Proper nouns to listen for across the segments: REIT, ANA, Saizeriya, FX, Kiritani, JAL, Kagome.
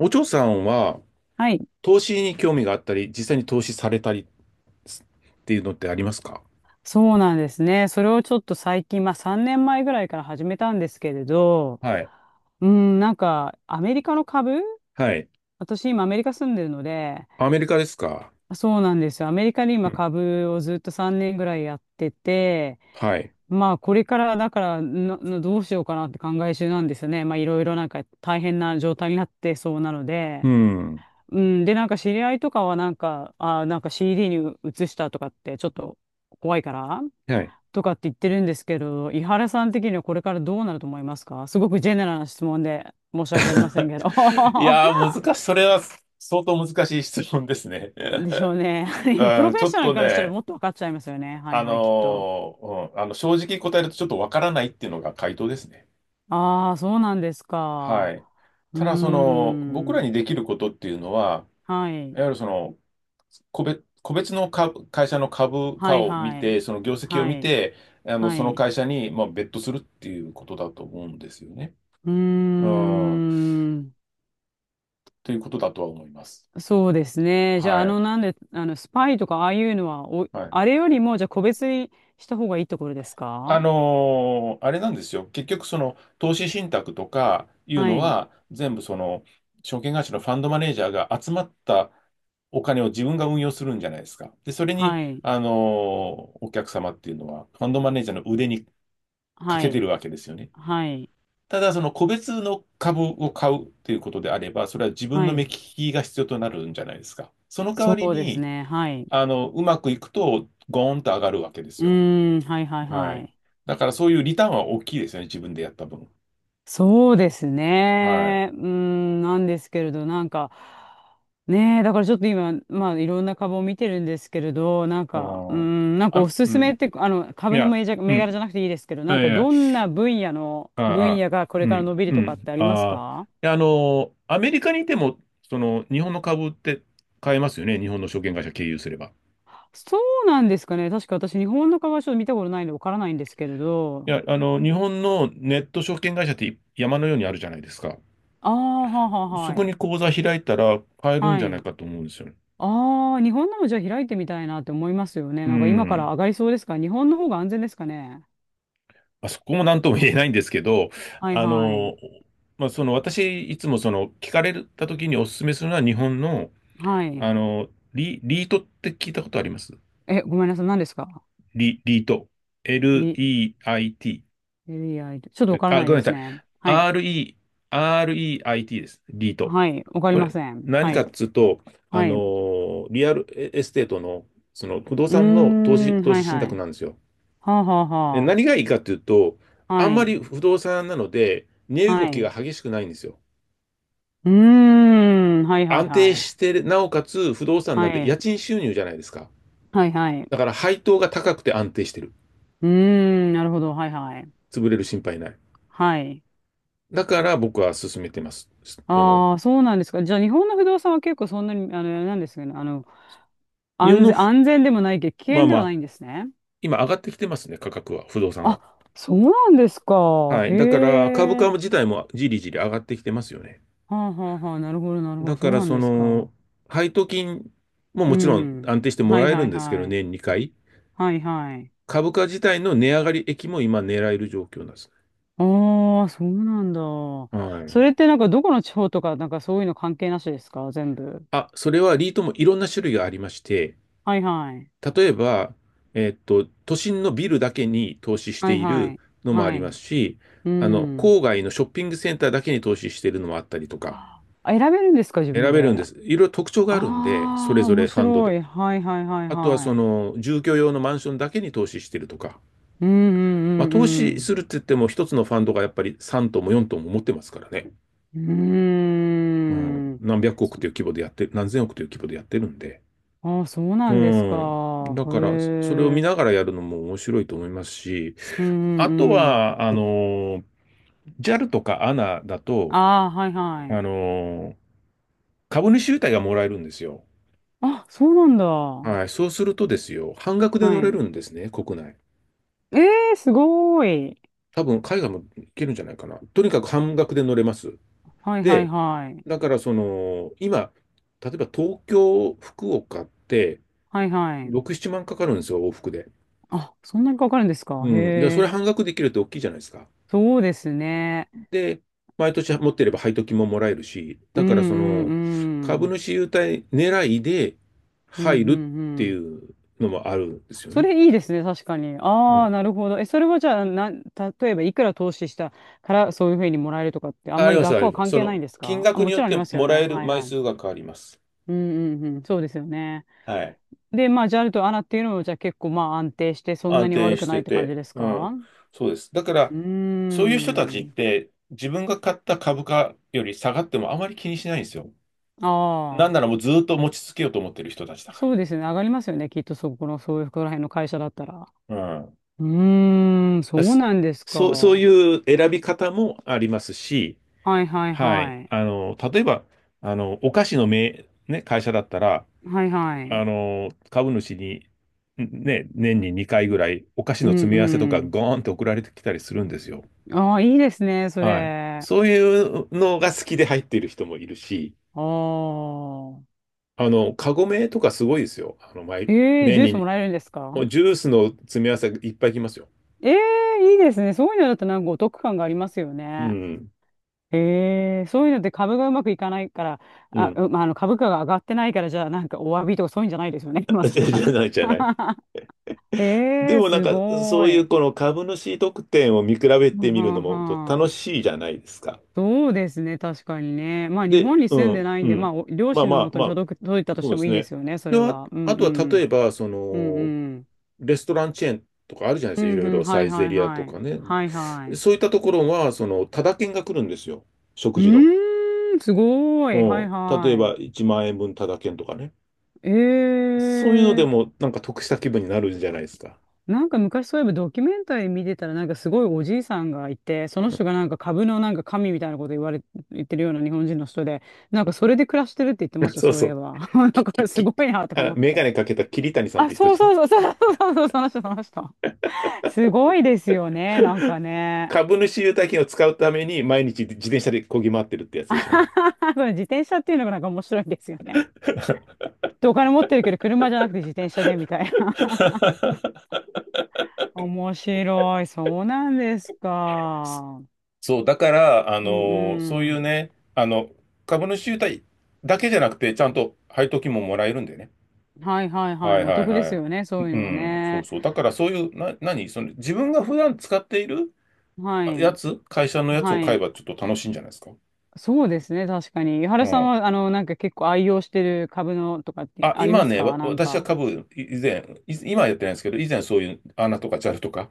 お嬢さんははい。投資に興味があったり、実際に投資されたりっていうのってありますか？そうなんですね。それをちょっと最近、まあ3年前ぐらいから始めたんですけれど、はい。うん、なんかアメリカの株はい。私今アメリカ住んでるので、アメリカですか？そうなんですよ。アメリカでう今ん。株をずっと3年ぐらいやってて、はい。まあこれからだからなどうしようかなって考え中なんですよね。まあいろいろなんか大変な状態になってそうなので、うん。うん、でなんか知り合いとかはなんか、なんか CD に移したとかってちょっと怖いから。はい。とかって言ってるんですけど、伊原さん的にはこれからどうなると思いますか？すごくジェネラルな質問で申し訳ありません けど。いやー、難しい。それは相当難しい質問ですね。でしょうね。今プうロん、フェちッょっショナルとからしたらね、もっと分かっちゃいますよね。はいはい、きっと。正直答えるとちょっとわからないっていうのが回答ですね。ああ、そうなんですはか。い。うーただ、その、僕らん。にできることっていうのは、はいい。わゆるその、個別の株会社の株は価いを見はい。て、その業績をは見い。て、あの、はそのい。会社に、まあ、ベットするっていうことだと思うんですよね。うーうん。ん。ということだとは思います。そうですね。じゃあ、はあの、い。なんで、あの、スパイとかああいうのは、はい。あれよりも、じゃあ個別にした方がいいところですか？あれなんですよ。結局、その、投資信託とかいうはのい。は、全部その、証券会社のファンドマネージャーが集まったお金を自分が運用するんじゃないですか。で、それに、はい。お客様っていうのは、ファンドマネージャーの腕にかはけてるい。わけですよね。はい。ただ、その個別の株を買うということであれば、それは自分はの目利い。きが必要となるんじゃないですか。その代わそりうですに、ね。はい。あの、うまくいくと、ゴーンと上がるわけですうよ。ーん。はいはいははい。い。だから、そういうリターンは大きいですよね、自分でやった分。そうですはい。ね。うーん。なんですけれど、ねえ、だからちょっと今、まあ、いろんな株を見てるんですけれど、うん。あ、おすうすめっん。て、あの、い株のや、銘柄う銘ん。柄じゃなくていいですけど、いなんやいかや、どんなあ分あ、野がこれうからん、伸びるうとかっん。てありますああ。いか？やあの、アメリカにいても、その、日本の株って買えますよね、日本の証券会社経由すれば。そうなんですかね。確か私、日本の株はちょっと見たことないんでわからないんですけれいど。や、あの、日本のネット証券会社って山のようにあるじゃないですか。ああ、はあはあ、そはこにい。口座開いたら買えるんはじゃないい。かと思うんですよね。ああ、日本のもじゃあ開いてみたいなって思いますよね。うなんか今からん。上がりそうですか？日本の方が安全ですかね。あそこも何とも言えないんですけど、はいあはい。の、まあ、その私、いつもその聞かれた時にお勧めするのは日本の、はあい。の、リートって聞いたことありますえ、ごめんなさい。何ですか？リート。リ、L-E-I-T。リアイ、ちょっとわからあ、ないごでめんすなさい。ね。はい。R-E、R-E-I-T です。リート。はい。わかりこまれ、せん。何はかい。っつうと、あはのい。うーリアルエステートの、その不動ー産のん。投は資い信は託い。なんですよ。はあはあで、は何がいいかっていうと、あ。あはんまりい。不動産なので、値動はきがい。激しくないんですよ。うーん。はいはい安定はしい。てる、なおかつ不動産はなんで家い。賃収入じゃないですか。はいはい。だから配当が高くて安定してる。うーん。なるほど。はいはい。潰れる心配ない。はい。だから僕は勧めてます。その、ああ、そうなんですか。じゃあ、日本の不動産は結構そんなに、あの、なんですかね、あの、日本のふ、安全でもないけど、危まあ険でまはあ、ないんですね。今上がってきてますね、価格は、不動産あ、は。そうなんですか。はへい。だから株価え。自体もじりじり上がってきてますよね。はあはあはあ、なるほど、なるほど、だそかうらなんそですの、か。配当金もうもちろんん。安定してもはいらえはるんいですけど、はい。年2回。はいはい。株価自体の値上がり益も今狙える状況なんですああ、そうなんだ。ね。はそい。れってなんかどこの地方とか、なんかそういうの関係なしですか？全部。あ、それはリートもいろんな種類がありまして、はいはい。例えば、都心のビルだけに投資しはていいはるい。のもあはりまい。すし、うあの、ん。郊外のショッピングセンターだけに投資しているのもあったりとか、あ、選べるんですか？自選分べるんで。です。いろいろ特徴がああるんで、それあ、ぞ面れファンド白で。い。はいはいはいあとははそい。の、住居用のマンションだけに投資してるとか。うんまあ、うん投う資んするって言っても、一つのファンドがやっぱり3トンも4トンも持ってますからね。うん。ううん。ーん。何百億という規模でやってる、何千億という規模でやってるんで。ああ、そうなうんですん。か。だへから、それを見ながえ。らやるのも面白いと思いますし、うんあうとんうん。は、あの、JAL とか ANA だと、ああ、はいはあい。の、株主優待がもらえるんですよ。あ、そうなんだ。ははい。そうするとですよ、半額で乗れるい。んですね、国内。ええー、すごーい。多分、海外も行けるんじゃないかな。とにかく半額で乗れます。はいはいで、はい。だからその、今、例えば東京、福岡って、はいはい。6、7万かかるんですよ、往復で。あ、そんなにかかるんですか。うへん。じゃあ、それえ。半額できるって大きいじゃないですか。そうですね。で、毎年持ってれば配当金ももらえるし、うだんからそうの、んう株ん。主優待狙いでうんう入んるうっていん。うのもあるんですよそね。れいいですね、確かに。うあん。あ、なるほど。え、それはじゃあ、な、例えばいくら投資したからそういうふうにもらえるとかって、あんあまりります、学あ校りはます。関そ係なの、いんです金か？あ、額もにちよっろんありてますよもらね。えるはい枚はい。数が変わります。うんうんうん、そうですよね。はい。で、まあ、ジャルとアナっていうのも、じゃあ結構まあ安定して、そんな安に定悪くしないてって感じて、ですうか？ん、そうです。だかうーら、そういう人たちっん。て自分が買った株価より下がってもあまり気にしないんですよ。なんあならもうずっと持ち続けようと思ってる人たちだあ、そかうですね。上がりますよね。きっとそこの、そういうこら辺の会社だったら。ら。うん。うーん、そだうすなんですか。そう、そうはいう選び方もありますし、いはいははい。い。あの、例えば、あの、お菓子のめね、会社だったら、はいはい。あの、株主に、年に2回ぐらいお菓子うのん詰め合わせとうかん。ゴーンって送られてきたりするんですよ。ああ、いいですね、そはい。れ。そういうのが好きで入っている人もいるし、ああ。あの、カゴメとかすごいですよ。あの、ええ、年ジュースもに、らえるんですもか？うジュースの詰め合わせいっぱい来ますよ。ええ、いいですね。そういうのだとなんかお得感がありますようね。ん。ええ、そういうのって株がうまくいかないから、うあ、ん。うまあ、あの株価が上がってないから、じゃあなんかお詫びとかそういうんじゃないですよね、ま さじゃじか。ゃないじゃない。でええ、もなんすか、ごそういうい。この株主特典を見比べはてんみはるのんもとは楽ん、しいじゃないですか。そうですね、確かにね。まあ、日で、本にう住んでん、ないうんで、まあ、ん。お両まあ親まのあもとまにあ、届いたとしそてうでもすいいでね。すよね、そで、れは。うんあとうは例えん。ば、そうんうの、ん。レストランチェーンとかあるじゃないでうすか。いんろいうろん、はサいイはゼいリアはとい。かね。はいはい。そういったところは、その、タダ券が来るんですよ。う食事の。ーん、すごうい。はいん。例えば、は1万円分タダ券とかね。い。えそういうのでー。も、なんか得した気分になるんじゃないですか。なんか昔そういえばドキュメンタリー見てたらなんかすごいおじいさんがいて、その人がなんか株のなんか神みたいなこと言われ、言ってるような日本人の人で、なんかそれで暮らしてるって言ってま した、そうそうそいえう。ば。き、だかき、らすき、ごいなとかあ、思っメガて。ネかけた桐谷さんっあ、て人そうじゃそん。うそうそうそうそうそう、その人。すごいですよね、なんかね。株主優待券を使うために、毎日自転車で漕ぎ回ってるってやつでしょうね。これ自転車っていうのがなんか面白いですよね。で、お金持ってるけど、車じゃなくて自転車でみたいな。面白い。そうなんですか。そう、だから、あうのそうんいうね、あの、株主優待だけじゃなくて、ちゃんと配当金ももらえるんでね。うん。はいはいははい。いおはい得ではすい。よね。そういううのはん、そうね。そう。だからそういう、何その自分が普段使っているはあい。やつ、会社のやつをは買えい。ばちょっと楽しいんじゃないですか。そうですね。確かに。井う原さんん。は、あの、なんか結構愛用してる株のとかってあ、あり今ますね、か？なん私はか。株、い以前、い今はやってないんですけど、以前そういう穴とか JAL とか、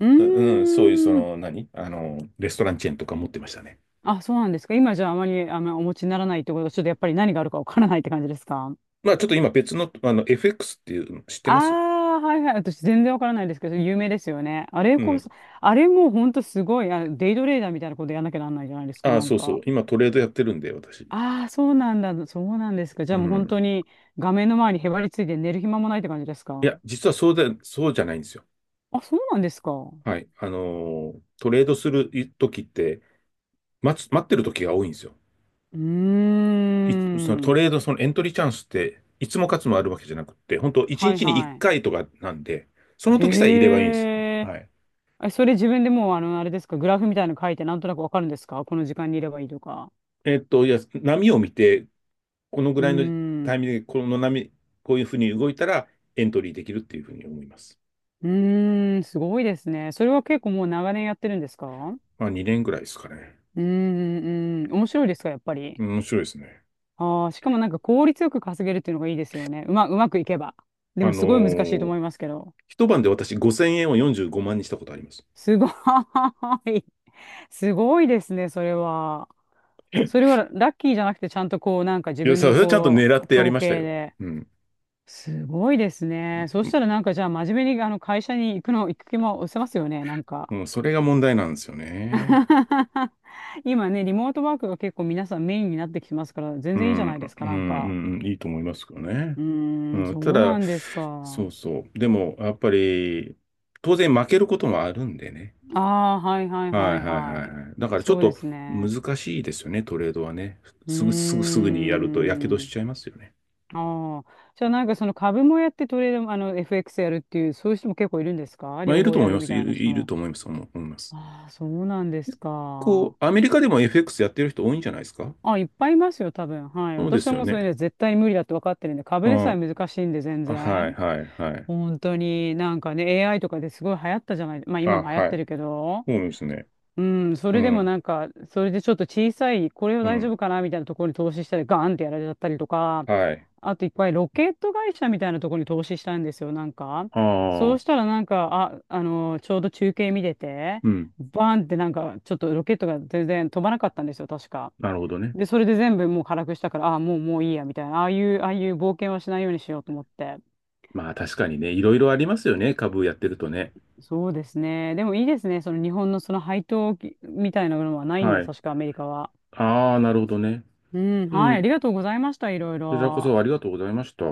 うううん、そういうそーん。の、何あの、レストランチェーンとか持ってましたね。あ、そうなんですか。今じゃああまり、あの、お持ちにならないってことは、ちょっとやっぱり何があるかわからないって感じですか？まあちょっと今別の、あの、FX っていうの知ってあますあ、はいはい。私全然わからないですけど、有名ですよね。あれうこん。そ、あれもうほんとすごい、あ、デイトレーダーみたいなことやんなきゃなんないじゃないですか、あ、なんそうそう。か。今トレードやってるんで、私。ああ、そうなんだ。そうなんですか。じうゃあもう本ん。当に画面の前にへばりついて寝る暇もないって感じですいや、か。実はそうで、そうじゃないんですよ。あ、そうなんですか。うはい。あのートレードする時って、待ってる時が多いんですよ。ーい、そのトん。レード、そのエントリーチャンスって、いつも勝つもあるわけじゃなくって、本当1はい日に1はい。回とかなんで、その時さえいれへばいいんですよ。え。はい。それ自分でもうあの、あれですか、グラフみたいなの書いてなんとなくわかるんですか？この時間にいればいいとか。いや、波を見て、このぐうーらいのタん。イミングで、この波、こういうふうに動いたら、エントリーできるっていうふうに思います。うーん、すごいですね。それは結構もう長年やってるんですか？まあ、2年ぐらいですかね。うーん、うん、面白いですか、やっぱうり。ん面白いですね。ああ、しかもなんか効率よく稼げるっていうのがいいですよね。うまくいけば。であものすごい難しいとー思いますけど。一晩で私5000円を45万にしたことあります。すごい。すごいですね、それは。それはラッキーじゃなくて、ちゃんとこう、なんか自いや、分そのれはちゃんとこ狙ってう、やり統ました計よ。で。うん。すごいですね。そうしたらなんかじゃあ真面目にあの会社に行くの、行く気も失せますよね、なんか。もうそれが問題なんですよね。今ね、リモートワークが結構皆さんメインになってきてますから、全う然いいじゃん、うないでん、すか、うなんか。ん、うんいいと思いますけどね。うーん、うん、そたうだ、なんですか。そうそう。でも、やっぱり、当然負けることもあるんでね。ああ、はいはいははいいはいははいい。はい。だからちょっそうでとすね。難しいですよね、トレードはね。うーすぐにやると火傷しん。ちゃいますよね。ああ。じゃあなんかその株もやってトレードも、あの、FX やるっていう、そういう人も結構いるんですか？まあ、両いる方とや思いるまみす。たいな人いるも。と思います。思います。ああ、そうなんです結構、か。アメリカでも FX やってる人多いんじゃないですか？あ、いっぱいいますよ、多分。はい。そうで私すはよもうそれね。ね、絶対に無理だって分かってるんで、う株でさえん。難しいんで、全あはい然。はいはい。本当になんかね、AI とかですごい流行ったじゃない、まああ、今も流行っはてい。るけど、そうですね。うん、そうれでもん。なんか、それでちょっと小さい、これはう大丈ん。夫かなみたいなところに投資したり、ガーンってやられちゃったりとか、はい。あといっぱいロケット会社みたいなところに投資したんですよ、なんか。あそうあ、したらなんか、あ、あの、ちょうど中継見てて、うん。バーンってなんか、ちょっとロケットが全然飛ばなかったんですよ、確か。なるほどね。で、それで全部もう辛くしたから、ああ、もういいや、みたいな、ああいう冒険はしないようにしようと思って。まあ確かにね、いろいろありますよね。株やってるとね。そうですね。でもいいですね。その日本のその配当金みたいなものはないんはで、い。確かアメリカは。ああ、なるほどね。うん、うはい、ありん。がとうございました、いろいこちらころ。そありがとうございました。